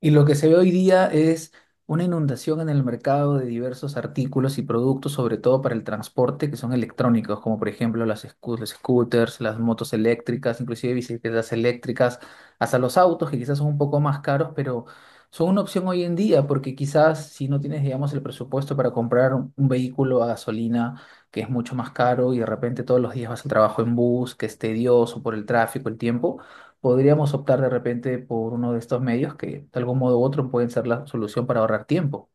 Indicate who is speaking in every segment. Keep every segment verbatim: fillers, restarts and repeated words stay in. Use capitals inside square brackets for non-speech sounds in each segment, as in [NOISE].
Speaker 1: Y lo que se ve hoy día es una inundación en el mercado de diversos artículos y productos, sobre todo para el transporte, que son electrónicos, como por ejemplo las scu- los scooters, las motos eléctricas, inclusive bicicletas eléctricas, hasta los autos, que quizás son un poco más caros, pero son una opción hoy en día, porque quizás si no tienes, digamos, el presupuesto para comprar un un vehículo a gasolina, que es mucho más caro, y de repente todos los días vas al trabajo en bus, que es tedioso por el tráfico, el tiempo. Podríamos optar de repente por uno de estos medios que de algún modo u otro pueden ser la solución para ahorrar tiempo.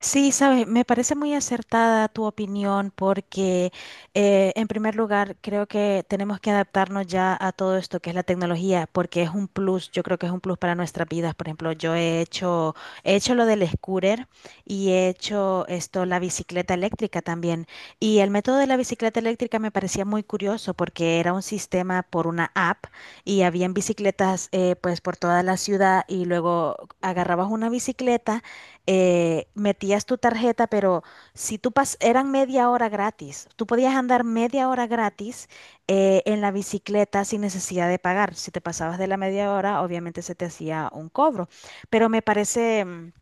Speaker 2: Sí, sabes, me parece muy acertada tu opinión porque eh, en primer lugar creo que tenemos que adaptarnos ya a todo esto que es la tecnología porque es un plus, yo creo que es un plus para nuestras vidas. Por ejemplo, yo he hecho, he hecho lo del scooter y he hecho esto, la bicicleta eléctrica también. Y el método de la bicicleta eléctrica me parecía muy curioso porque era un sistema por una app y habían bicicletas eh, pues por toda la ciudad y luego agarrabas una bicicleta, eh, metías tu tarjeta, pero si tú pas eran media hora gratis, tú podías andar media hora gratis eh, en la bicicleta sin necesidad de pagar. Si te pasabas de la media hora, obviamente se te hacía un cobro. Pero me parece, mm,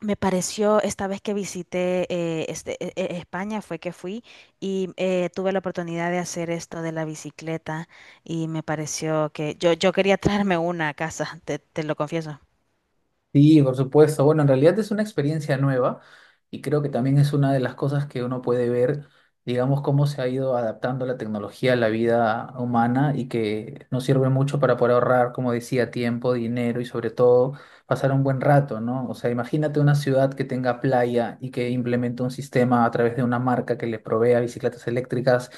Speaker 2: Me pareció esta vez que visité eh, este, e- e- España, fue que fui y eh, tuve la oportunidad de hacer esto de la bicicleta y me pareció que yo, yo quería [LAUGHS] traerme una a casa, te, te lo confieso.
Speaker 1: Sí, por supuesto. Bueno, en realidad es una experiencia nueva y creo que también es una de las cosas que uno puede ver, digamos, cómo se ha ido adaptando la tecnología a la vida humana y que nos sirve mucho para poder ahorrar, como decía, tiempo, dinero y sobre todo pasar un buen rato, ¿no? O sea, imagínate una ciudad que tenga playa y que implemente un sistema a través de una marca que le provea bicicletas eléctricas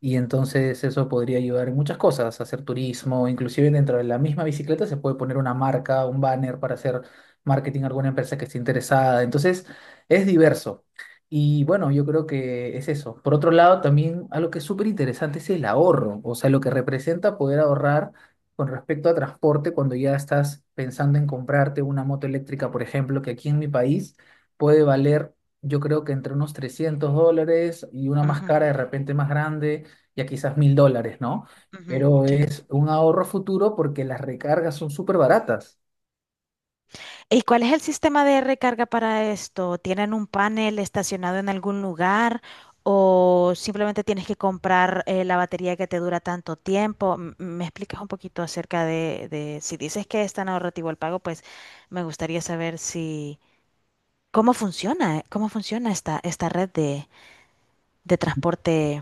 Speaker 1: y entonces eso podría ayudar en muchas cosas, hacer turismo, inclusive dentro de la misma bicicleta se puede poner una marca, un banner para hacer marketing a alguna empresa que esté interesada, entonces es diverso. Y bueno, yo creo que es eso. Por otro lado, también algo que es súper interesante es el ahorro, o sea, lo que representa poder ahorrar con respecto a transporte cuando ya estás pensando en comprarte una moto eléctrica, por ejemplo, que aquí en mi país puede valer, yo creo que entre unos trescientos dólares y una más
Speaker 2: Ujú,
Speaker 1: cara de repente más grande, ya quizás mil dólares, ¿no?
Speaker 2: ujú,
Speaker 1: Pero
Speaker 2: sí.
Speaker 1: es un ahorro futuro porque las recargas son súper baratas.
Speaker 2: ¿Y cuál es el sistema de recarga para esto? ¿Tienen un panel estacionado en algún lugar o simplemente tienes que comprar eh, la batería que te dura tanto tiempo? M- ¿Me explicas un poquito acerca de, de si dices que es tan ahorrativo el pago? Pues me gustaría saber si cómo funciona, eh, cómo funciona esta, esta red de, de transporte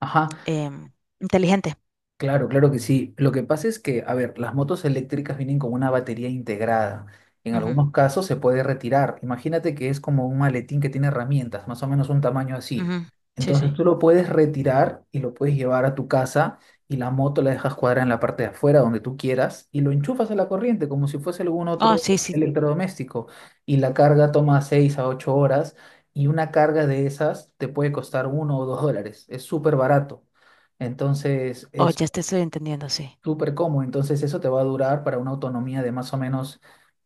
Speaker 1: Ajá.
Speaker 2: em, inteligente.
Speaker 1: Claro, claro que sí. Lo que pasa es que, a ver, las motos eléctricas vienen con una batería integrada. En
Speaker 2: Ujú,
Speaker 1: algunos casos se puede retirar. Imagínate que es como un maletín que tiene herramientas, más o menos un tamaño así.
Speaker 2: ujú. Sí, sí.
Speaker 1: Entonces tú lo puedes retirar y lo puedes llevar a tu casa y la moto la dejas cuadrada en la parte de afuera donde tú quieras y lo enchufas a la corriente como si fuese algún
Speaker 2: Oh,
Speaker 1: otro
Speaker 2: sí, sí, sí.
Speaker 1: electrodoméstico. Y la carga toma seis a ocho horas y una carga de esas te puede costar uno o dos dólares. Es súper barato. Entonces,
Speaker 2: Oh,
Speaker 1: es
Speaker 2: ya te estoy entendiendo, sí.
Speaker 1: súper cómodo. Entonces eso te va a durar para una autonomía de más o menos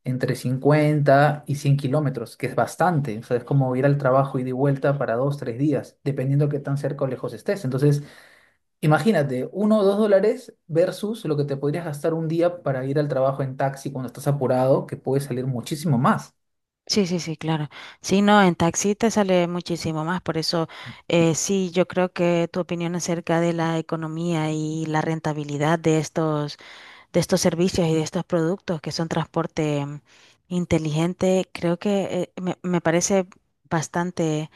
Speaker 1: entre cincuenta y cien kilómetros, que es bastante. O sea, es como ir al trabajo y de vuelta para dos, tres días, dependiendo qué tan cerca o lejos estés. Entonces, imagínate, uno o dos dólares versus lo que te podrías gastar un día para ir al trabajo en taxi cuando estás apurado, que puede salir muchísimo más.
Speaker 2: Sí, sí, sí, claro. Sí, no, en taxi te sale muchísimo más. Por eso, eh, sí, yo creo que tu opinión acerca de la economía y la rentabilidad de estos, de estos servicios y de estos productos que son transporte mm, inteligente, creo que eh, me, me parece bastante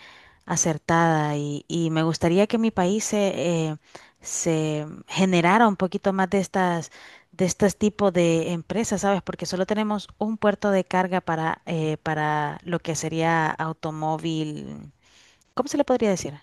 Speaker 2: acertada, y, y me gustaría que mi país se, eh, se generara un poquito más de estas, de estos tipos de empresas, ¿sabes? Porque solo tenemos un puerto de carga para, eh, para lo que sería automóvil. ¿Cómo se le podría decir?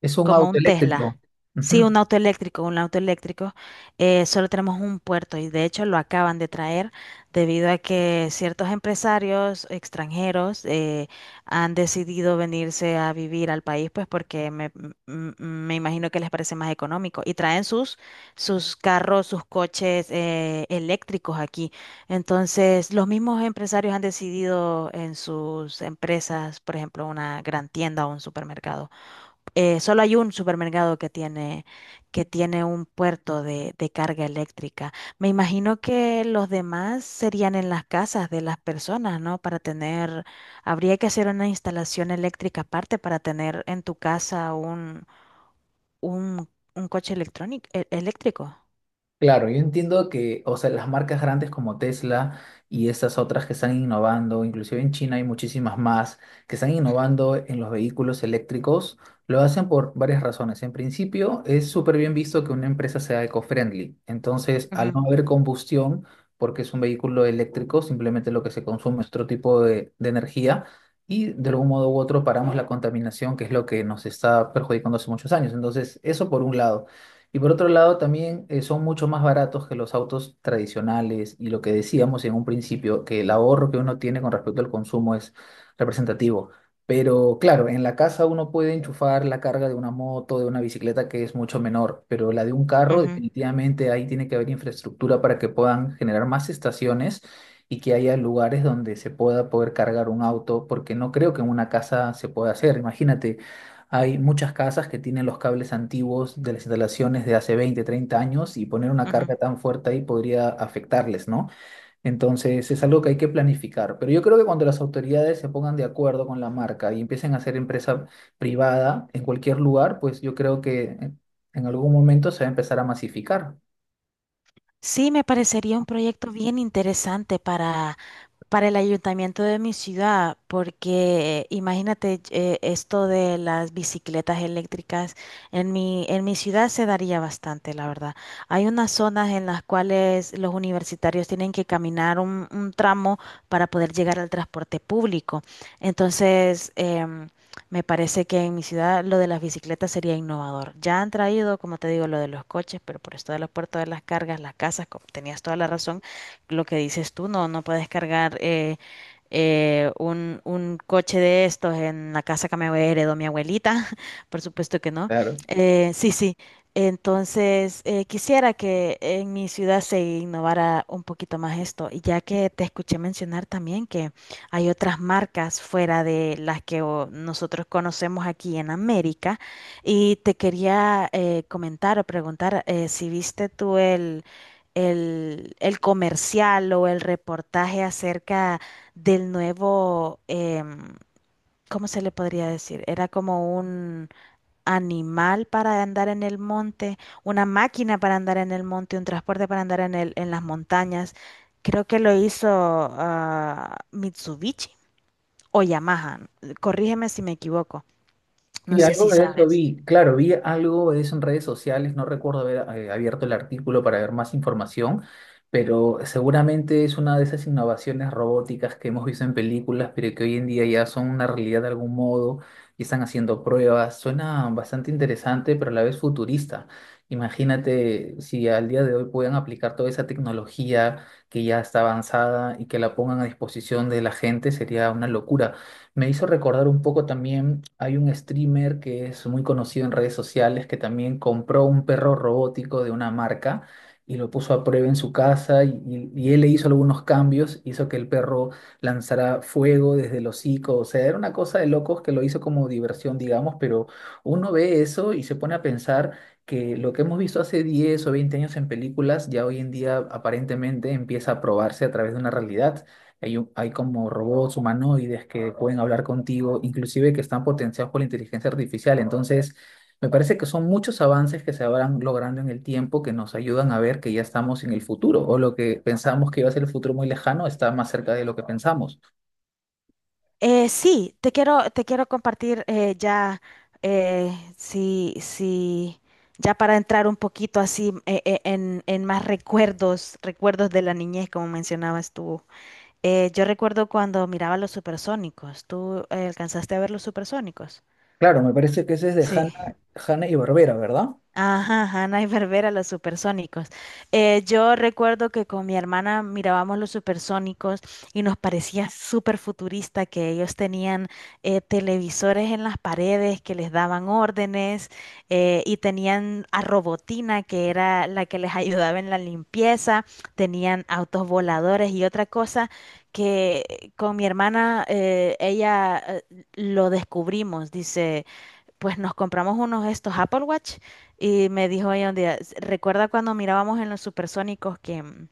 Speaker 1: Es un
Speaker 2: Como
Speaker 1: auto
Speaker 2: un Tesla.
Speaker 1: eléctrico.
Speaker 2: Sí,
Speaker 1: Ujú.
Speaker 2: un auto eléctrico, un auto eléctrico. Eh, solo tenemos un puerto y de hecho lo acaban de traer debido a que ciertos empresarios extranjeros eh, han decidido venirse a vivir al país, pues porque me, m- m- me imagino que les parece más económico y traen sus, sus carros, sus coches eh, eléctricos aquí. Entonces, los mismos empresarios han decidido en sus empresas, por ejemplo, una gran tienda o un supermercado. Eh, solo hay un supermercado que tiene, que tiene un puerto de, de carga eléctrica. Me imagino que los demás serían en las casas de las personas, ¿no? Para tener, habría que hacer una instalación eléctrica aparte para tener en tu casa un, un, un coche electrónico, e- eléctrico.
Speaker 1: Claro, yo entiendo que, o sea, las marcas grandes como Tesla y esas otras que están innovando, inclusive en China hay muchísimas más que están innovando en los vehículos eléctricos, lo hacen por varias razones. En principio, es súper bien visto que una empresa sea eco-friendly. Entonces, al
Speaker 2: Ujú,
Speaker 1: no haber combustión, porque es un vehículo eléctrico, simplemente lo que se consume es otro tipo de, de energía y de algún modo u otro paramos la contaminación, que es lo que nos está perjudicando hace muchos años. Entonces, eso por un lado. Y por otro lado, también eh, son mucho más baratos que los autos tradicionales y lo que decíamos en un principio, que el ahorro que uno tiene con respecto al consumo es representativo. Pero claro, en la casa uno puede enchufar la carga de una moto, de una bicicleta que es mucho menor, pero la de un carro
Speaker 2: ujú,
Speaker 1: definitivamente ahí tiene que haber infraestructura para que puedan generar más estaciones y que haya lugares donde se pueda poder cargar un auto, porque no creo que en una casa se pueda hacer. Imagínate, hay muchas casas que tienen los cables antiguos de las instalaciones de hace veinte, treinta años y poner una
Speaker 2: ujú.
Speaker 1: carga tan fuerte ahí podría afectarles, ¿no? Entonces es algo que hay que planificar. Pero yo creo que cuando las autoridades se pongan de acuerdo con la marca y empiecen a hacer empresa privada en cualquier lugar, pues yo creo que en en algún momento se va a empezar a masificar.
Speaker 2: Sí, me parecería un proyecto bien interesante para. para el ayuntamiento de mi ciudad, porque imagínate eh, esto de las bicicletas eléctricas, en mi, en mi ciudad se daría bastante, la verdad. Hay unas zonas en las cuales los universitarios tienen que caminar un, un tramo para poder llegar al transporte público. Entonces, em, me parece que en mi ciudad lo de las bicicletas sería innovador. Ya han traído, como te digo, lo de los coches, pero por esto de los puertos de las cargas, las casas, como tenías toda la razón lo que dices tú, no, no puedes cargar eh, eh, un, un coche de estos en la casa que me heredó mi abuelita, [LAUGHS] por supuesto que no.
Speaker 1: Claro.
Speaker 2: Eh, sí, sí. Entonces, eh, quisiera que en mi ciudad se innovara un poquito más esto, y ya que te escuché mencionar también que hay otras marcas fuera de las que oh, nosotros conocemos aquí en América, y te quería eh, comentar o preguntar eh, si viste tú el el, el comercial o el reportaje acerca del nuevo, em, ¿cómo se le podría decir? Era como un animal para andar en el monte, una máquina para andar en el monte, un transporte para andar en el, en las montañas. Creo que lo hizo ah, Mitsubishi o Yamaha. Corrígeme si me equivoco. No
Speaker 1: Sí,
Speaker 2: sé
Speaker 1: algo
Speaker 2: si
Speaker 1: de eso
Speaker 2: sabes.
Speaker 1: vi, claro, vi algo de eso en redes sociales, no recuerdo haber eh, abierto el artículo para ver más información, pero seguramente es una de esas innovaciones robóticas que hemos visto en películas, pero que hoy en día ya son una realidad de algún modo y están haciendo pruebas. Suena bastante interesante, pero a la vez futurista. Imagínate si al día de hoy puedan aplicar toda esa tecnología que ya está avanzada y que la pongan a disposición de la gente, sería una locura. Me hizo recordar un poco también, hay un streamer que es muy conocido en redes sociales que también compró un perro robótico de una marca y lo puso a prueba en su casa y, y- y él le hizo algunos cambios, hizo que el perro lanzara fuego desde el hocico, o sea, era una cosa de locos que lo hizo como diversión, digamos, pero uno ve eso y se pone a pensar que lo que hemos visto hace diez o veinte años en películas ya hoy en día aparentemente empieza a probarse a través de una realidad. Hay, un- hay como robots humanoides que pueden hablar contigo, inclusive que están potenciados por la inteligencia artificial. Entonces, me parece que son muchos avances que se habrán logrando en el tiempo que nos ayudan a ver que ya estamos en el futuro, o lo que pensamos que iba a ser el futuro muy lejano está más cerca de lo que pensamos.
Speaker 2: Eh, sí, te quiero, te quiero compartir eh, ya, eh, sí, sí, ya para entrar un poquito así eh, eh, en, en más recuerdos, recuerdos de la niñez, como mencionabas tú. Eh, yo recuerdo cuando miraba los supersónicos. ¿Tú eh, alcanzaste a ver los supersónicos?
Speaker 1: Claro, me parece que ese es de Hanna,
Speaker 2: Sí.
Speaker 1: Hanna y Barbera, ¿verdad?
Speaker 2: Ajá, ajá, Ana y Barbera, los supersónicos. Eh, yo recuerdo que con mi hermana mirábamos los supersónicos y nos parecía súper futurista que ellos tenían eh, televisores en las paredes que les daban órdenes, eh, y tenían a Robotina, que era la que les [LAUGHS] ayudaba en la limpieza, tenían autos voladores. Y otra cosa que con mi hermana eh, ella eh, lo descubrimos, dice, pues nos compramos unos de estos Apple Watch y me dijo ella un día, "S- ¿Recuerda cuando mirábamos en los supersónicos que, mm,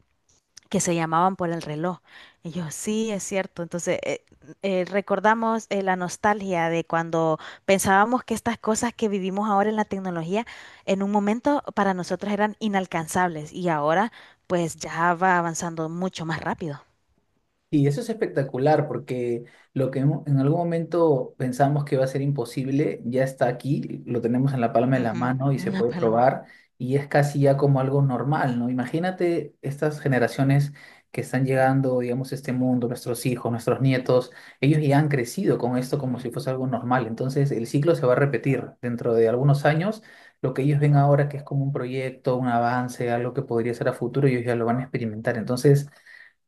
Speaker 2: que se llamaban por el reloj?" Y yo, sí, es cierto. Entonces, eh, eh, recordamos eh, la nostalgia de cuando pensábamos que estas cosas que vivimos ahora en la tecnología, en un momento para nosotros eran inalcanzables, y ahora pues ya va avanzando mucho más rápido.
Speaker 1: Y eso es espectacular porque lo que hemo- en algún momento pensamos que va a ser imposible ya está aquí, lo tenemos en la palma de la
Speaker 2: Ujú,
Speaker 1: mano y se
Speaker 2: una
Speaker 1: puede
Speaker 2: paloma.
Speaker 1: probar y es casi ya como algo normal, ¿no? Imagínate estas generaciones que están llegando, digamos, a este mundo, nuestros hijos, nuestros nietos, ellos ya han crecido con esto como si fuese algo normal, entonces el ciclo se va a repetir dentro de algunos años. Lo que ellos ven ahora que es como un proyecto, un avance, algo que podría ser a futuro, ellos ya lo van a experimentar. Entonces,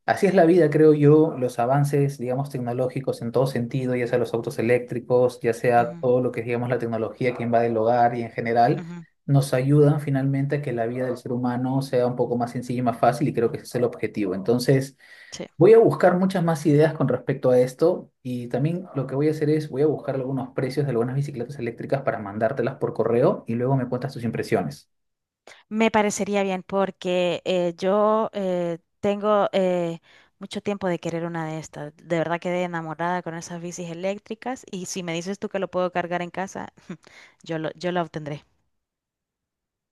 Speaker 1: así es la vida, creo yo, los avances, digamos, tecnológicos en todo sentido, ya sea los autos eléctricos, ya sea
Speaker 2: Ujú,
Speaker 1: todo lo que es, digamos, la tecnología que invade el hogar y en general,
Speaker 2: ujú,
Speaker 1: nos ayudan finalmente a que la vida del ser humano sea un poco más sencilla y más fácil y creo que ese es el objetivo. Entonces,
Speaker 2: sí.
Speaker 1: voy a buscar muchas más ideas con respecto a esto y también lo que voy a hacer es, voy a buscar algunos precios de algunas bicicletas eléctricas para mandártelas por correo y luego me cuentas tus impresiones.
Speaker 2: Me parecería bien porque eh, yo eh, tengo eh, mucho tiempo de querer una de estas. De verdad quedé enamorada con esas bicis eléctricas, y si me dices tú que lo puedo cargar en casa, yo lo, yo la obtendré.